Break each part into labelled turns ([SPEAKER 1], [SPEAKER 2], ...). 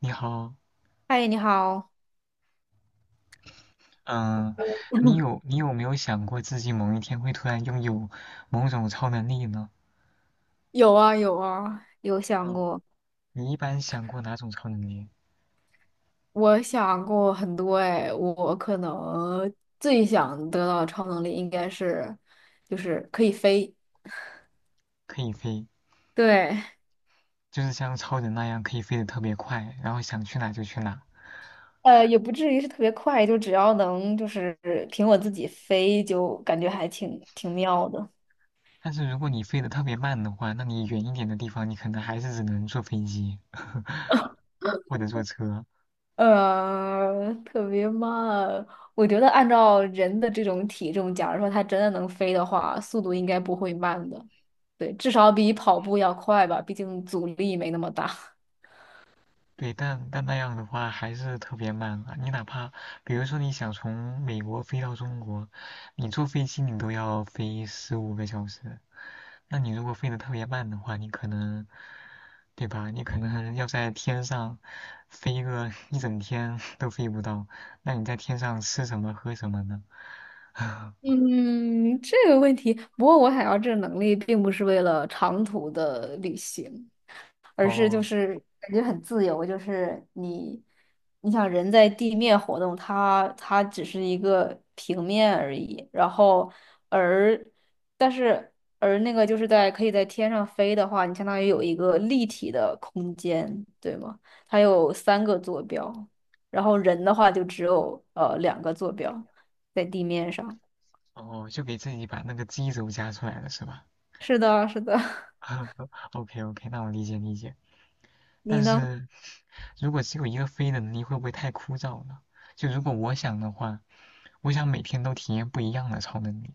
[SPEAKER 1] 你好，
[SPEAKER 2] 嗨，你好。
[SPEAKER 1] 嗯，你有没有想过自己某一天会突然拥有某种超能力呢？
[SPEAKER 2] 有啊有啊，有想
[SPEAKER 1] 嗯，
[SPEAKER 2] 过？
[SPEAKER 1] 你一般想过哪种超能力？
[SPEAKER 2] 我想过很多哎，我可能最想得到的超能力应该是，就是可以飞。
[SPEAKER 1] 可以飞，
[SPEAKER 2] 对，
[SPEAKER 1] 就是像超人那样可以飞得特别快，然后想去哪就去哪。
[SPEAKER 2] 也不至于是特别快，就只要能就是凭我自己飞，就感觉还挺妙的。
[SPEAKER 1] 但是如果你飞得特别慢的话，那你远一点的地方你可能还是只能坐飞机，或者坐车。
[SPEAKER 2] 特别慢。我觉得按照人的这种体重，假如说它真的能飞的话，速度应该不会慢的。对，至少比跑步要快吧，毕竟阻力没那么大。
[SPEAKER 1] 对，但那样的话还是特别慢啊。你哪怕比如说你想从美国飞到中国，你坐飞机你都要飞15个小时。那你如果飞得特别慢的话，你可能，对吧？你可能要在天上飞个 一整天 都飞不到。那你在天上吃什么喝什么呢？
[SPEAKER 2] 嗯，这个问题，不过我想要这个能力，并不是为了长途的旅行。而是就
[SPEAKER 1] 哦
[SPEAKER 2] 是感觉很自由，你想人在地面活动，它只是一个平面而已，然后而但是而那个就是在可以在天上飞的话，你相当于有一个立体的空间，对吗？它有三个坐标，然后人的话就只有两个坐标在地面上。
[SPEAKER 1] 哦，就给自己把那个基轴加出来了是吧
[SPEAKER 2] 是的，是的，
[SPEAKER 1] ？OK OK，那我理解理解。
[SPEAKER 2] 你
[SPEAKER 1] 但
[SPEAKER 2] 呢？
[SPEAKER 1] 是如果只有一个飞的能力，会不会太枯燥了？就如果我想的话，我想每天都体验不一样的超能力。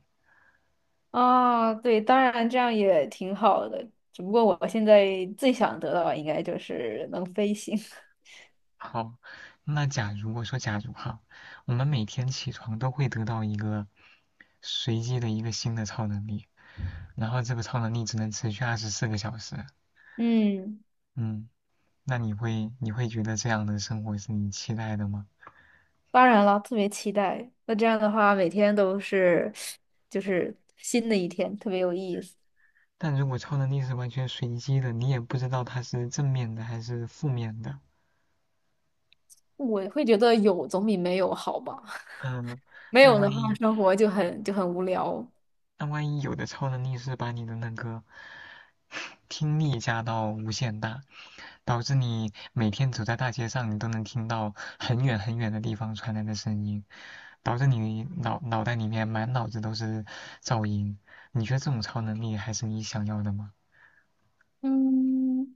[SPEAKER 2] 啊，对，当然这样也挺好的，只不过我现在最想得到的应该就是能飞行。
[SPEAKER 1] 好，那假如我说假如哈，我们每天起床都会得到一个随机的一个新的超能力，然后这个超能力只能持续24个小时。
[SPEAKER 2] 嗯，
[SPEAKER 1] 嗯，那你会觉得这样的生活是你期待的吗？
[SPEAKER 2] 当然了，特别期待。那这样的话，每天都是就是新的一天，特别有意思。
[SPEAKER 1] 但如果超能力是完全随机的，你也不知道它是正面的还是负面的。
[SPEAKER 2] 我会觉得有总比没有好吧，
[SPEAKER 1] 嗯，
[SPEAKER 2] 没
[SPEAKER 1] 那
[SPEAKER 2] 有的
[SPEAKER 1] 万
[SPEAKER 2] 话，
[SPEAKER 1] 一
[SPEAKER 2] 生活就很无聊。
[SPEAKER 1] 那万一有的超能力是把你的那个听力加到无限大，导致你每天走在大街上，你都能听到很远很远的地方传来的声音，导致你脑袋里面满脑子都是噪音。你觉得这种超能力还是你想要的吗？
[SPEAKER 2] 嗯，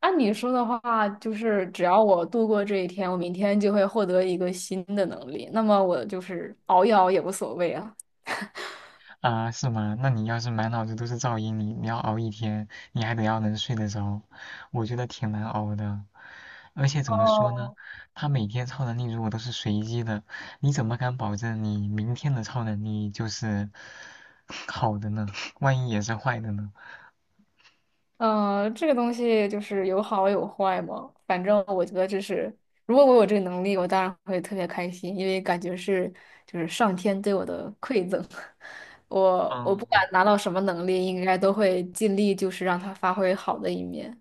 [SPEAKER 2] 按你说的话，就是只要我度过这一天，我明天就会获得一个新的能力，那么我就是熬一熬也无所谓啊。
[SPEAKER 1] 啊，是吗？那你要是满脑子都是噪音，你要熬一天，你还得要能睡得着，我觉得挺难熬的。而且怎么说呢，
[SPEAKER 2] 哦
[SPEAKER 1] 他每天超能力如果都是随机的，你怎么敢保证你明天的超能力就是 好的呢？万一也是坏的呢？
[SPEAKER 2] 嗯，这个东西就是有好有坏嘛。反正我觉得这是，如果我有这个能力，我当然会特别开心，因为感觉是就是上天对我的馈赠。我不管拿到什么能力，应该都会尽力就是让它发挥好的一面。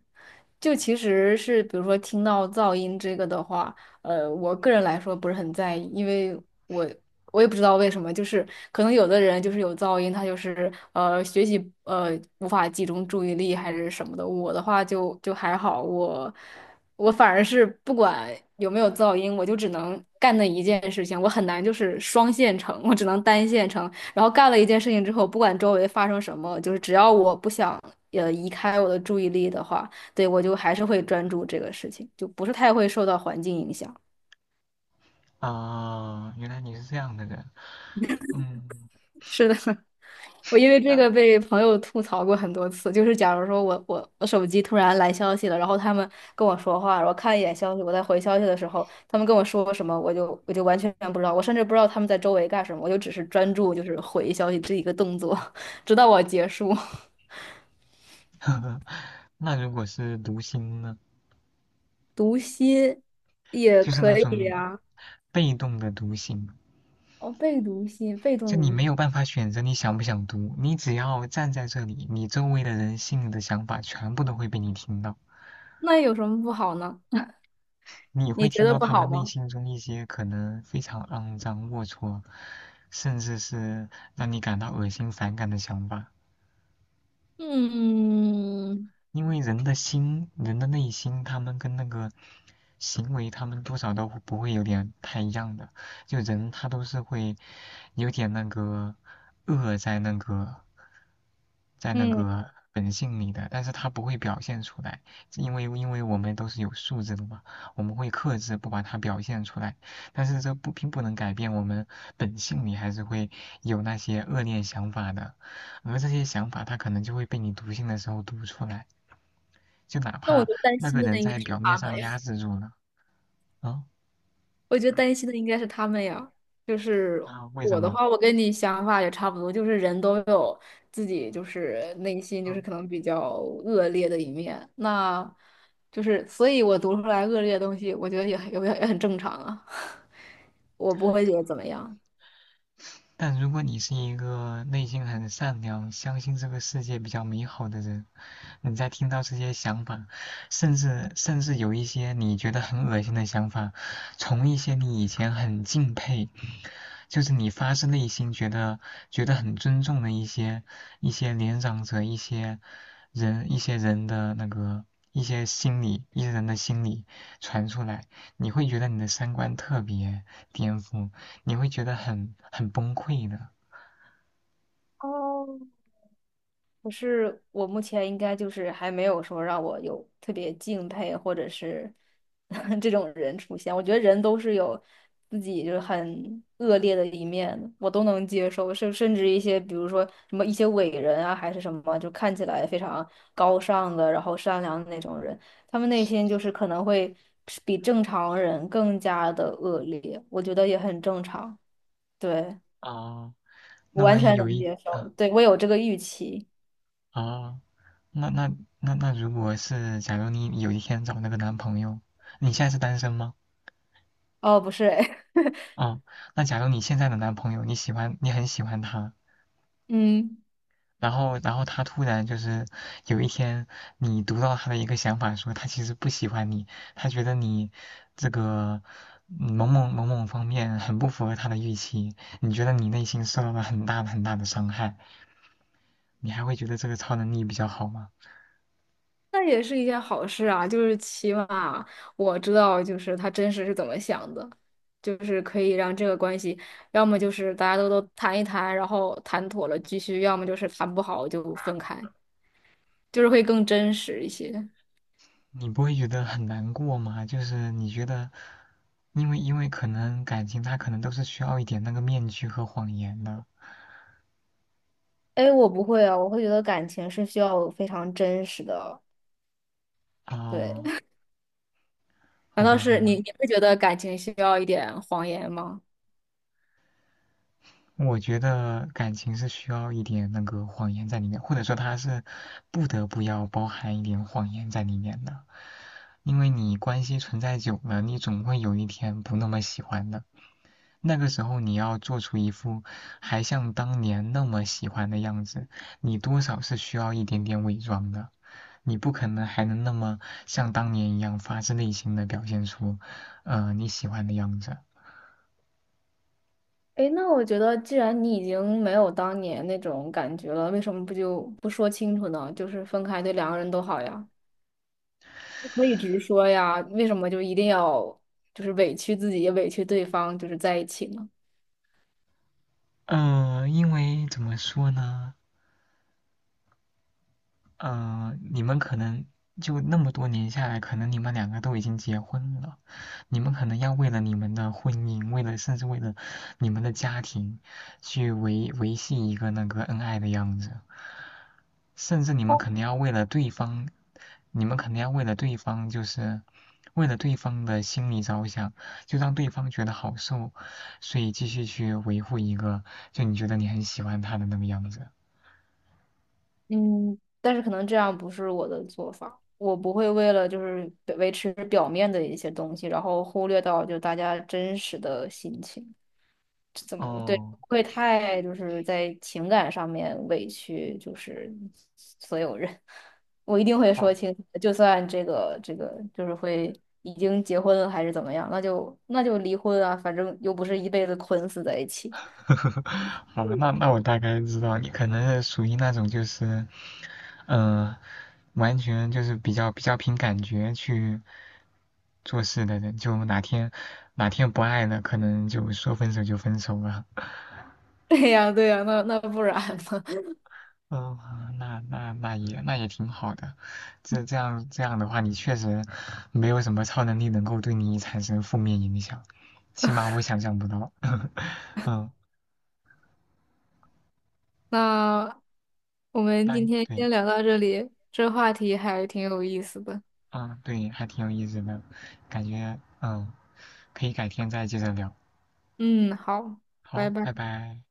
[SPEAKER 2] 就其实是，比如说听到噪音这个的话，我个人来说不是很在意，因为我我也不知道为什么，就是可能有的人就是有噪音，他就是学习无法集中注意力还是什么的。我的话就还好，我反而是不管有没有噪音，我就只能干那一件事情，我很难就是双线程，我只能单线程。然后干了一件事情之后，不管周围发生什么，就是只要我不想移开我的注意力的话。对，我就还是会专注这个事情，就不是太会受到环境影响。
[SPEAKER 1] 啊，原来你是这样的人，嗯，
[SPEAKER 2] 是的，我因为这个被朋友吐槽过很多次，就是假如说我手机突然来消息了，然后他们跟我说话，然后看一眼消息，我在回消息的时候，他们跟我说什么，我就完全不知道，我甚至不知道他们在周围干什么，我就只是专注就是回消息这一个动作，直到我结束。
[SPEAKER 1] 那如果是读心呢？
[SPEAKER 2] 读心也
[SPEAKER 1] 就是那
[SPEAKER 2] 可以
[SPEAKER 1] 种
[SPEAKER 2] 啊。
[SPEAKER 1] 被动的读心。
[SPEAKER 2] 哦，被读心，被
[SPEAKER 1] 就
[SPEAKER 2] 动
[SPEAKER 1] 你
[SPEAKER 2] 读
[SPEAKER 1] 没
[SPEAKER 2] 心，
[SPEAKER 1] 有办法选择你想不想读，你只要站在这里，你周围的人心里的想法全部都会被你听到，
[SPEAKER 2] 那有什么不好呢？
[SPEAKER 1] 你会
[SPEAKER 2] 你觉
[SPEAKER 1] 听
[SPEAKER 2] 得
[SPEAKER 1] 到
[SPEAKER 2] 不
[SPEAKER 1] 他
[SPEAKER 2] 好
[SPEAKER 1] 们内
[SPEAKER 2] 吗？
[SPEAKER 1] 心中一些可能非常肮脏、龌龊，甚至是让你感到恶心、反感的想法。
[SPEAKER 2] 嗯，
[SPEAKER 1] 因为人的心，人的内心，他们跟那个行为，他们多少都不会有点太一样的。就人他都是会有点那个恶在那个在那
[SPEAKER 2] 嗯，
[SPEAKER 1] 个本性里的，但是他不会表现出来，因为我们都是有素质的嘛，我们会克制不把它表现出来。但是这不并不能改变我们本性里还是会有那些恶劣想法的，而这些想法它可能就会被你读心的时候读出来。就哪
[SPEAKER 2] 那我
[SPEAKER 1] 怕
[SPEAKER 2] 觉得担
[SPEAKER 1] 那
[SPEAKER 2] 心
[SPEAKER 1] 个人
[SPEAKER 2] 的应
[SPEAKER 1] 在
[SPEAKER 2] 该是
[SPEAKER 1] 表面
[SPEAKER 2] 他们
[SPEAKER 1] 上
[SPEAKER 2] 呀，
[SPEAKER 1] 压制住了，啊
[SPEAKER 2] 我觉得担心的应该是他们呀。就是
[SPEAKER 1] 啊，为什
[SPEAKER 2] 我的
[SPEAKER 1] 么？
[SPEAKER 2] 话，我跟你想法也差不多，就是人都有自己就是内心就是可
[SPEAKER 1] 嗯
[SPEAKER 2] 能比较恶劣的一面，那就是所以我读出来恶劣的东西，我觉得也很正常啊，我不会觉得怎么样。
[SPEAKER 1] 但如果你是一个内心很善良、相信这个世界比较美好的人，你在听到这些想法，甚至有一些你觉得很恶心的想法，从一些你以前很敬佩，就是你发自内心觉得很尊重的一些年长者、一些人、一些人的那个一些心理、一些人的心理传出来，你会觉得你的三观特别颠覆。你会觉得很崩溃的。
[SPEAKER 2] 哦，可是我目前应该就是还没有说让我有特别敬佩或者是 这种人出现。我觉得人都是有自己就是很恶劣的一面的，我都能接受，甚至一些比如说什么一些伟人啊，还是什么，就看起来非常高尚的，然后善良的那种人，他们内心就是可能会比正常人更加的恶劣，我觉得也很正常。对，
[SPEAKER 1] 哦
[SPEAKER 2] 我
[SPEAKER 1] 那
[SPEAKER 2] 完
[SPEAKER 1] 万一
[SPEAKER 2] 全
[SPEAKER 1] 有
[SPEAKER 2] 能
[SPEAKER 1] 一
[SPEAKER 2] 接受，
[SPEAKER 1] 啊，
[SPEAKER 2] 对，我有这个预期。
[SPEAKER 1] 哦，那那那，如果是假如你有一天找那个男朋友，你现在是单身吗？
[SPEAKER 2] 哦，不是，
[SPEAKER 1] 哦，那假如你现在的男朋友你喜欢，你很喜欢他，
[SPEAKER 2] 嗯，
[SPEAKER 1] 然后他突然就是有一天你读到他的一个想法，说他其实不喜欢你，他觉得你这个某某某某方面很不符合他的预期，你觉得你内心受到了很大很大的伤害。你还会觉得这个超能力比较好吗？
[SPEAKER 2] 那也是一件好事啊，就是起码我知道，就是他真实是怎么想的，就是可以让这个关系，要么就是大家都谈一谈，然后谈妥了继续，要么就是谈不好就分开，就是会更真实一些。
[SPEAKER 1] 你不会觉得很难过吗？就是你觉得，因为可能感情它可能都是需要一点那个面具和谎言的。
[SPEAKER 2] 哎，我不会啊，我会觉得感情是需要非常真实的。对，
[SPEAKER 1] 哦，
[SPEAKER 2] 难
[SPEAKER 1] 好
[SPEAKER 2] 道
[SPEAKER 1] 吧，好
[SPEAKER 2] 是你
[SPEAKER 1] 吧，
[SPEAKER 2] 你会觉得感情需要一点谎言吗？
[SPEAKER 1] 我觉得感情是需要一点那个谎言在里面，或者说它是不得不要包含一点谎言在里面的，因为你关系存在久了，你总会有一天不那么喜欢的。那个时候你要做出一副还像当年那么喜欢的样子，你多少是需要一点点伪装的。你不可能还能那么像当年一样发自内心的表现出，你喜欢的样子。
[SPEAKER 2] 哎，那我觉得，既然你已经没有当年那种感觉了，为什么不就不说清楚呢？就是分开对两个人都好呀，就可以直说呀，为什么就一定要就是委屈自己也委屈对方，就是在一起呢？
[SPEAKER 1] 因为怎么说呢？嗯、你们可能就那么多年下来，可能你们两个都已经结婚了，你们可能要为了你们的婚姻，甚至为了你们的家庭，去维系一个那个恩爱的样子。甚至你们肯定要为了对方，你们肯定要为了对方，就是为了对方的心理着想，就让对方觉得好受，所以继续去维护一个就你觉得你很喜欢他的那个样子。
[SPEAKER 2] 嗯，但是可能这样不是我的做法，我不会为了就是维持表面的一些东西，然后忽略到就大家真实的心情。怎么对，
[SPEAKER 1] 哦，
[SPEAKER 2] 不会太就是在情感上面委屈，就是所有人，我一定会
[SPEAKER 1] 好，
[SPEAKER 2] 说清楚的就算这个就是会已经结婚了还是怎么样，那就离婚啊，反正又不是一辈子捆死在一起。
[SPEAKER 1] 好，那那我大概知道你可能是属于那种就是，呃，完全就是比较凭感觉去做事的人，就哪天哪天不爱了，可能就说分手就分手了。
[SPEAKER 2] 对呀，对呀，那不然呢？
[SPEAKER 1] 哦，那也那也挺好的，这样的话，你确实没有什么超能力能够对你产生负面影响，起码我想象不到。嗯，
[SPEAKER 2] 那我们
[SPEAKER 1] 那
[SPEAKER 2] 今天
[SPEAKER 1] 对，
[SPEAKER 2] 先聊到这里，这话题还挺有意思的。
[SPEAKER 1] 啊对，还挺有意思的，感觉可以改天再接着聊。
[SPEAKER 2] 嗯，好，拜
[SPEAKER 1] 好，拜
[SPEAKER 2] 拜。
[SPEAKER 1] 拜。